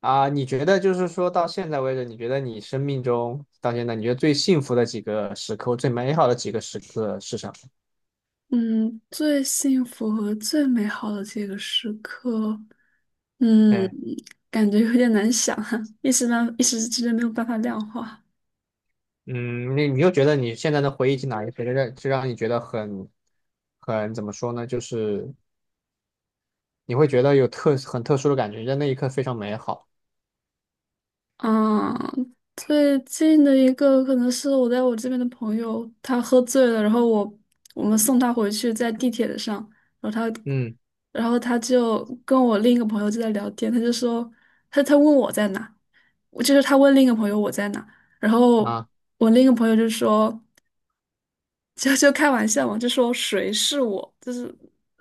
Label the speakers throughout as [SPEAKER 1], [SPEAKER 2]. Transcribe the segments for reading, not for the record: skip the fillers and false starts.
[SPEAKER 1] 啊，你觉得就是说到现在为止，你觉得你生命中到现在，你觉得最幸福的几个时刻，最美好的几个时刻是什么？
[SPEAKER 2] 嗯，最幸福和最美好的这个时刻，嗯，
[SPEAKER 1] 对，
[SPEAKER 2] 感觉有点难想啊，一时之间没有办法量化。
[SPEAKER 1] 嗯，你又觉得你现在的回忆起哪一些让你觉得很怎么说呢？就是你会觉得有很特殊的感觉，在那一刻非常美好。
[SPEAKER 2] 嗯，最近的一个可能是我在我这边的朋友，他喝醉了，然后我们送他回去，在地铁上，然后他，
[SPEAKER 1] 嗯
[SPEAKER 2] 然后他就跟我另一个朋友就在聊天，他就说他问我在哪，我就是他问另一个朋友我在哪，然后
[SPEAKER 1] 啊
[SPEAKER 2] 我另一个朋友就说。就开玩笑嘛，就说谁是我，就是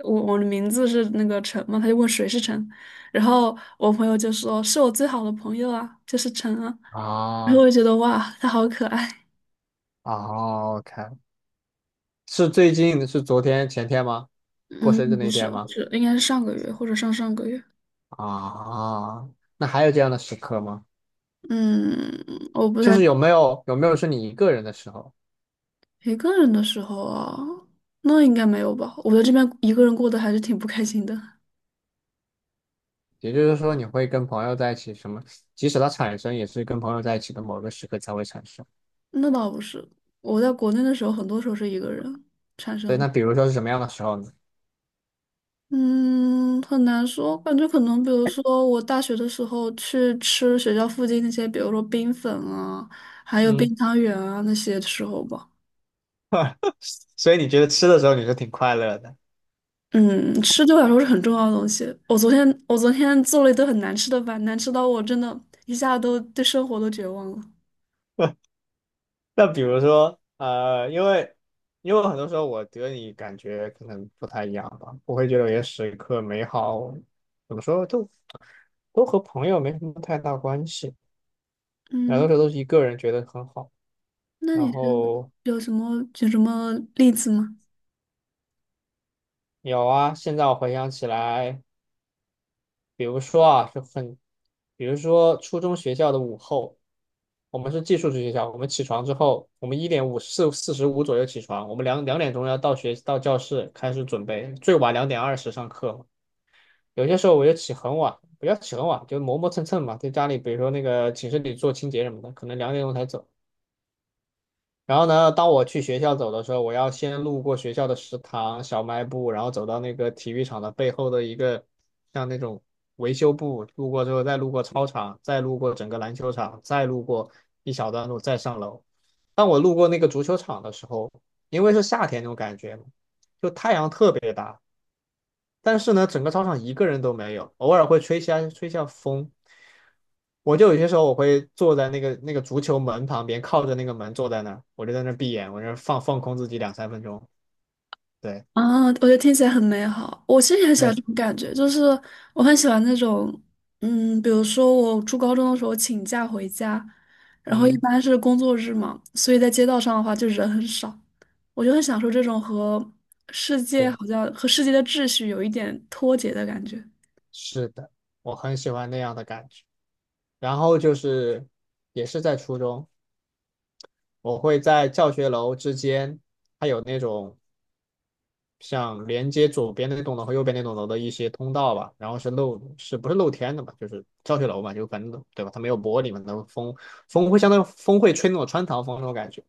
[SPEAKER 2] 我的名字是那个陈嘛，他就问谁是陈，然后我朋友就说是我最好的朋友啊，就是陈啊，然后
[SPEAKER 1] 啊
[SPEAKER 2] 我就觉得哇，他好可爱。
[SPEAKER 1] 啊！OK，是最近是昨天前天吗？过
[SPEAKER 2] 嗯，
[SPEAKER 1] 生日那
[SPEAKER 2] 不
[SPEAKER 1] 一
[SPEAKER 2] 是，
[SPEAKER 1] 天
[SPEAKER 2] 不
[SPEAKER 1] 吗？
[SPEAKER 2] 是应该是上个月或者上上个月。
[SPEAKER 1] 啊，那还有这样的时刻吗？
[SPEAKER 2] 嗯，我不
[SPEAKER 1] 就
[SPEAKER 2] 太
[SPEAKER 1] 是有没有是你一个人的时候，
[SPEAKER 2] 一个人的时候啊，那应该没有吧？我在这边一个人过得还是挺不开心的。
[SPEAKER 1] 也就是说你会跟朋友在一起什么，即使它产生也是跟朋友在一起的某个时刻才会产生。
[SPEAKER 2] 那倒不是，我在国内的时候，很多时候是一个人产
[SPEAKER 1] 对，
[SPEAKER 2] 生。
[SPEAKER 1] 那比如说是什么样的时候呢？
[SPEAKER 2] 嗯，很难说，感觉可能，比如说我大学的时候去吃学校附近那些，比如说冰粉啊，还有
[SPEAKER 1] 嗯，
[SPEAKER 2] 冰汤圆啊那些的时候吧。
[SPEAKER 1] 所以你觉得吃的时候你是挺快乐的？
[SPEAKER 2] 嗯，吃对我来说是很重要的东西。我昨天做了一顿很难吃的饭，难吃到我真的一下都对生活都绝望了。
[SPEAKER 1] 那比如说，因为很多时候我觉得你感觉可能不太一样吧，我会觉得有些时刻美好，怎么说都和朋友没什么太大关系，很多时
[SPEAKER 2] 嗯，
[SPEAKER 1] 候都是一个人觉得很好。
[SPEAKER 2] 那
[SPEAKER 1] 然
[SPEAKER 2] 你觉得
[SPEAKER 1] 后
[SPEAKER 2] 有什么举什么例子吗？
[SPEAKER 1] 有啊，现在我回想起来，比如说啊，比如说初中学校的午后，我们是寄宿制学校，我们起床之后，我们一点五四四十五左右起床，我们两点钟要到教室开始准备，最晚2点20上课。有些时候我就起很晚，不要起很晚，就磨磨蹭蹭嘛，在家里，比如说那个寝室里做清洁什么的，可能两点钟才走。然后呢，当我去学校走的时候，我要先路过学校的食堂、小卖部，然后走到那个体育场的背后的一个像那种维修部，路过之后再路过操场，再路过整个篮球场，再路过一小段路，再上楼。当我路过那个足球场的时候，因为是夏天那种感觉嘛，就太阳特别大，但是呢，整个操场一个人都没有，偶尔会吹下风。我就有些时候我会坐在那个足球门旁边，靠着那个门坐在那儿，我就在那儿闭眼，我就放空自己2、3分钟。对
[SPEAKER 2] 啊，我觉得听起来很美好。我其实也很喜欢
[SPEAKER 1] 对，
[SPEAKER 2] 这种感觉，就是我很喜欢那种，比如说我初高中的时候请假回家，然后一
[SPEAKER 1] 嗯，
[SPEAKER 2] 般是工作日嘛，所以在街道上的话就人很少，我就很享受这种和世界
[SPEAKER 1] 对，
[SPEAKER 2] 好像和世界的秩序有一点脱节的感觉。
[SPEAKER 1] 是的，我很喜欢那样的感觉。然后就是也是在初中，我会在教学楼之间，它有那种像连接左边那栋楼和右边那栋楼的一些通道吧，然后是不是露天的嘛？就是教学楼嘛，就反正对吧？它没有玻璃嘛，那后风会相当于风会吹那种穿堂风那种感觉。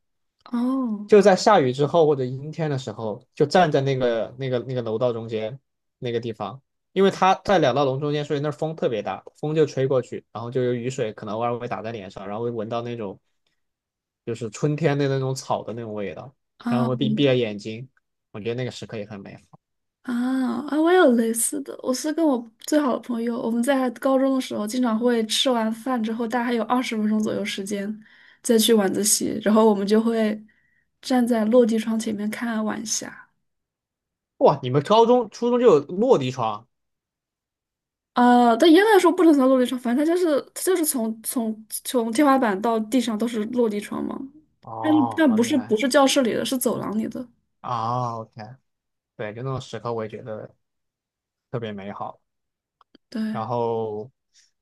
[SPEAKER 2] 哦，
[SPEAKER 1] 就在下雨之后或者阴天的时候，就站在那个楼道中间那个地方，因为它在两道楼中间，所以那风特别大，风就吹过去，然后就有雨水可能偶尔会打在脸上，然后会闻到那种就是春天的那种草的那种味道，然
[SPEAKER 2] 啊，
[SPEAKER 1] 后会闭着
[SPEAKER 2] 我
[SPEAKER 1] 眼睛，我觉得那个时刻也很美好。
[SPEAKER 2] 啊啊！我也有类似的，我是跟我最好的朋友，我们在高中的时候，经常会吃完饭之后，大概还有20分钟左右时间，再去晚自习，然后我们就会站在落地窗前面看晚霞。
[SPEAKER 1] 哇，你们高中、初中就有落地窗？
[SPEAKER 2] 啊，但严格来说不能算落地窗，反正它就是从天花板到地上都是落地窗嘛，
[SPEAKER 1] 哦，
[SPEAKER 2] 但
[SPEAKER 1] 好
[SPEAKER 2] 不
[SPEAKER 1] 厉
[SPEAKER 2] 是不
[SPEAKER 1] 害
[SPEAKER 2] 是教室里的，是走廊里的。
[SPEAKER 1] 啊！OK，对，就那种时刻我也觉得特别美好。
[SPEAKER 2] 对，
[SPEAKER 1] 然后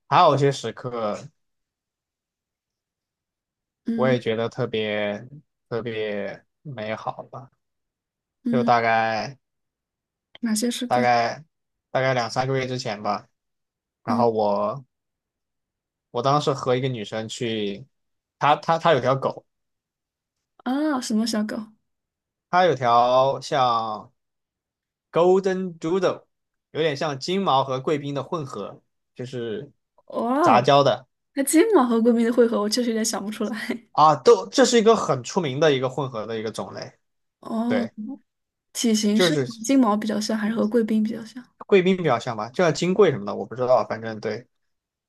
[SPEAKER 1] 还有一些时刻我
[SPEAKER 2] 嗯
[SPEAKER 1] 也觉得特别特别美好吧，就
[SPEAKER 2] 嗯，哪些是
[SPEAKER 1] 大
[SPEAKER 2] 个
[SPEAKER 1] 概大概2、3个月之前吧。然后
[SPEAKER 2] 嗯
[SPEAKER 1] 我当时和一个女生去，她有条狗，
[SPEAKER 2] 啊什么小狗？
[SPEAKER 1] 她有条像 Golden Doodle，有点像金毛和贵宾的混合，就是
[SPEAKER 2] 哇
[SPEAKER 1] 杂
[SPEAKER 2] 哦！
[SPEAKER 1] 交的
[SPEAKER 2] 那金毛和贵宾的汇合，我确实有点想不出来。
[SPEAKER 1] 啊，都这是一个很出名的一个混合的一个种类，
[SPEAKER 2] 哦，
[SPEAKER 1] 对，
[SPEAKER 2] 体型
[SPEAKER 1] 就
[SPEAKER 2] 是和
[SPEAKER 1] 是
[SPEAKER 2] 金毛比较像，还是和贵宾比较像？
[SPEAKER 1] 贵宾比较像吧，就像金贵什么的，我不知道，反正对，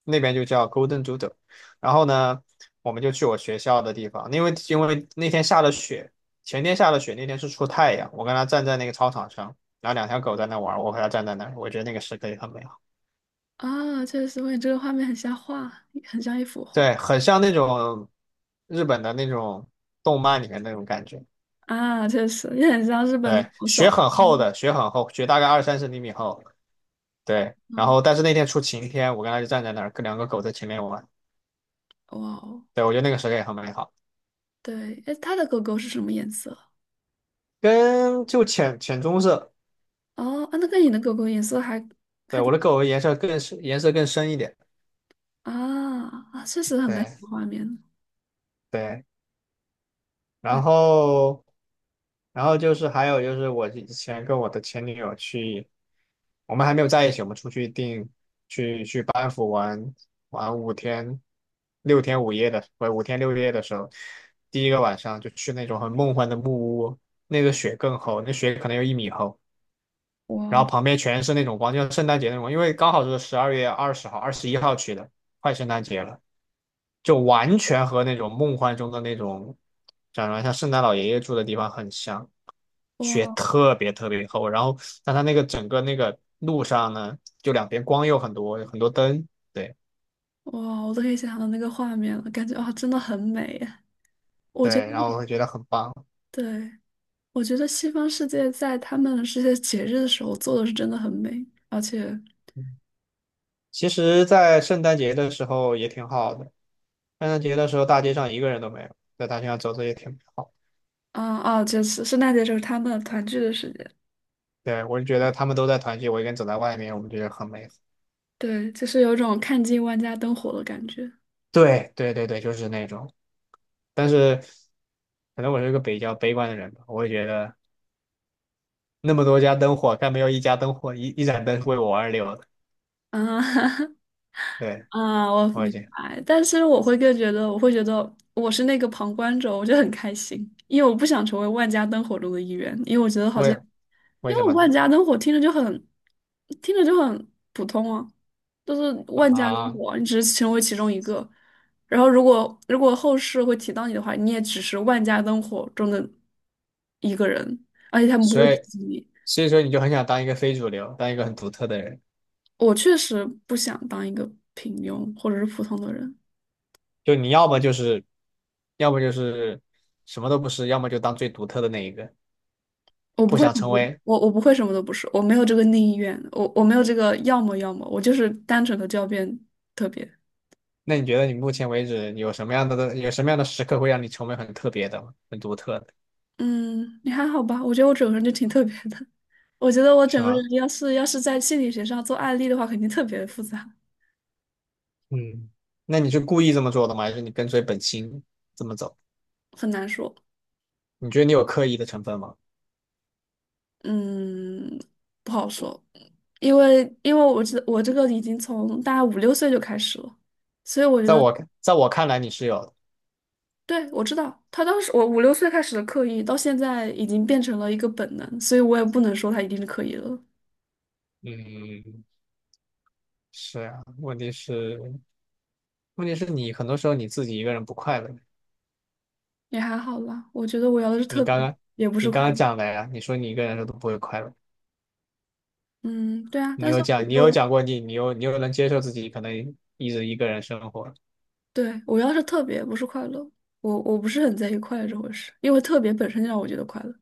[SPEAKER 1] 那边就叫 Golden Doodle。然后呢，我们就去我学校的地方，因为那天下了雪，前天下了雪，那天是出太阳，我跟他站在那个操场上，然后两条狗在那玩，我和他站在那儿，我觉得那个时刻也很美好。
[SPEAKER 2] 啊，确实，我感觉这个画面很像一幅画。
[SPEAKER 1] 对，很像那种日本的那种动漫里面那种感觉。
[SPEAKER 2] 啊，确实也很像日本那
[SPEAKER 1] 对，
[SPEAKER 2] 种小
[SPEAKER 1] 雪
[SPEAKER 2] 说。
[SPEAKER 1] 很厚
[SPEAKER 2] 嗯，
[SPEAKER 1] 的，雪很厚，雪大概20、30厘米厚。对，然
[SPEAKER 2] 啊，
[SPEAKER 1] 后但是那天出晴天，我跟他就站在那儿，跟两个狗在前面玩。
[SPEAKER 2] 哇哦，
[SPEAKER 1] 对，我觉得那个时刻也很美好，
[SPEAKER 2] 对，哎，它的狗狗是什么颜色？
[SPEAKER 1] 就浅浅棕色。
[SPEAKER 2] 哦，啊，那个你的狗狗颜色还
[SPEAKER 1] 对，
[SPEAKER 2] 还
[SPEAKER 1] 我
[SPEAKER 2] 挺
[SPEAKER 1] 的狗颜色更深，颜色更深一点。
[SPEAKER 2] 啊啊，确实很美的
[SPEAKER 1] 对
[SPEAKER 2] 画面。
[SPEAKER 1] 对。
[SPEAKER 2] 对，
[SPEAKER 1] 然后，就是还有就是我以前跟我的前女友去，我们还没有在一起，我们出去订去班夫玩玩六天五夜的，不是5天6夜的时候，第一个晚上就去那种很梦幻的木屋，那个雪更厚，那雪可能有1米厚，然
[SPEAKER 2] 哇，
[SPEAKER 1] 后旁边全是那种光，就像圣诞节那种光，因为刚好是12月20号、21号去的，快圣诞节了。就完全和那种梦幻中的那种，长得像圣诞老爷爷住的地方很像，雪
[SPEAKER 2] 哇，
[SPEAKER 1] 特别特别厚，然后但它那个整个那个路上呢，就两边光又很多有很多灯，对
[SPEAKER 2] 哇哦，我都可以想象到那个画面了，感觉啊，真的很美耶。我觉得，
[SPEAKER 1] 对，然后我会觉得很棒。
[SPEAKER 2] 对。我觉得西方世界在他们这些节日的时候做的是真的很美，而且，
[SPEAKER 1] 其实，在圣诞节的时候也挺好的，圣诞节的时候大街上一个人都没有，在大街上走走也挺好。
[SPEAKER 2] 就是圣诞节就是他们团聚的时间，
[SPEAKER 1] 对，我就觉得他们都在团聚，我一个人走在外面，我们觉得很美好。
[SPEAKER 2] 对，就是有种看尽万家灯火的感觉。
[SPEAKER 1] 对对对对，就是那种。但是可能我是一个比较悲观的人吧，我会觉得那么多家灯火，但没有一家灯火，一盏灯是为我而留的。
[SPEAKER 2] 啊
[SPEAKER 1] 对，
[SPEAKER 2] 啊，我
[SPEAKER 1] 我已
[SPEAKER 2] 明
[SPEAKER 1] 经
[SPEAKER 2] 白，但是我会觉得我是那个旁观者，我就很开心，因为我不想成为万家灯火中的一员，因为我觉得好像。
[SPEAKER 1] 为为
[SPEAKER 2] 因
[SPEAKER 1] 什
[SPEAKER 2] 为
[SPEAKER 1] 么
[SPEAKER 2] 万
[SPEAKER 1] 呢？
[SPEAKER 2] 家灯火听着就很普通啊，就是万家灯
[SPEAKER 1] 啊，
[SPEAKER 2] 火，你只是成为其中一个。然后如果后世会提到你的话，你也只是万家灯火中的一个人，而且他们不
[SPEAKER 1] 所
[SPEAKER 2] 会提
[SPEAKER 1] 以
[SPEAKER 2] 及你。
[SPEAKER 1] 所以说你就很想当一个非主流，当一个很独特的人，
[SPEAKER 2] 我确实不想当一个平庸或者是普通的人，
[SPEAKER 1] 就你要么就是什么都不是，要么就当最独特的那一个，不想成为。
[SPEAKER 2] 我不会什么都不是，我没有这个内意愿，我没有这个要么，我就是单纯的就要变特别。
[SPEAKER 1] 那你觉得你目前为止有什么样的时刻会让你成为很特别的吗很独特的，
[SPEAKER 2] 嗯，你还好吧？我觉得我整个人就挺特别的。我觉得我
[SPEAKER 1] 是
[SPEAKER 2] 整个
[SPEAKER 1] 吗？
[SPEAKER 2] 人要是在心理学上做案例的话，肯定特别的复杂，
[SPEAKER 1] 嗯，那你是故意这么做的吗？还是你跟随本心这么走？
[SPEAKER 2] 很难说。
[SPEAKER 1] 你觉得你有刻意的成分吗？
[SPEAKER 2] 嗯，不好说，因为我这个已经从大概五六岁就开始了，所以我觉
[SPEAKER 1] 在
[SPEAKER 2] 得，
[SPEAKER 1] 我在我看来你是有的。
[SPEAKER 2] 对，我知道他当时我五六岁开始的刻意，到现在已经变成了一个本能，所以我也不能说他一定是刻意的了，
[SPEAKER 1] 嗯，是啊，问题是你很多时候你自己一个人不快乐。
[SPEAKER 2] 也还好啦。我觉得我要的是
[SPEAKER 1] 你
[SPEAKER 2] 特
[SPEAKER 1] 刚
[SPEAKER 2] 别，
[SPEAKER 1] 刚
[SPEAKER 2] 也不是
[SPEAKER 1] 你刚
[SPEAKER 2] 快
[SPEAKER 1] 刚
[SPEAKER 2] 乐。
[SPEAKER 1] 讲的呀，你说你一个人的时候都不会快乐。
[SPEAKER 2] 嗯，对啊，但是我
[SPEAKER 1] 你有
[SPEAKER 2] 就
[SPEAKER 1] 讲过你又能接受自己可能一直一个人生活，
[SPEAKER 2] 对，我要是特别不是快乐，我不是很在意快乐这回事，因为特别本身就让我觉得快乐。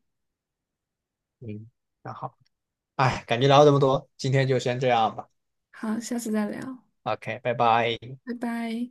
[SPEAKER 1] 嗯，那好，哎，感觉聊了这么多，今天就先这样吧。
[SPEAKER 2] 好，下次再聊，
[SPEAKER 1] OK，拜拜。
[SPEAKER 2] 拜拜。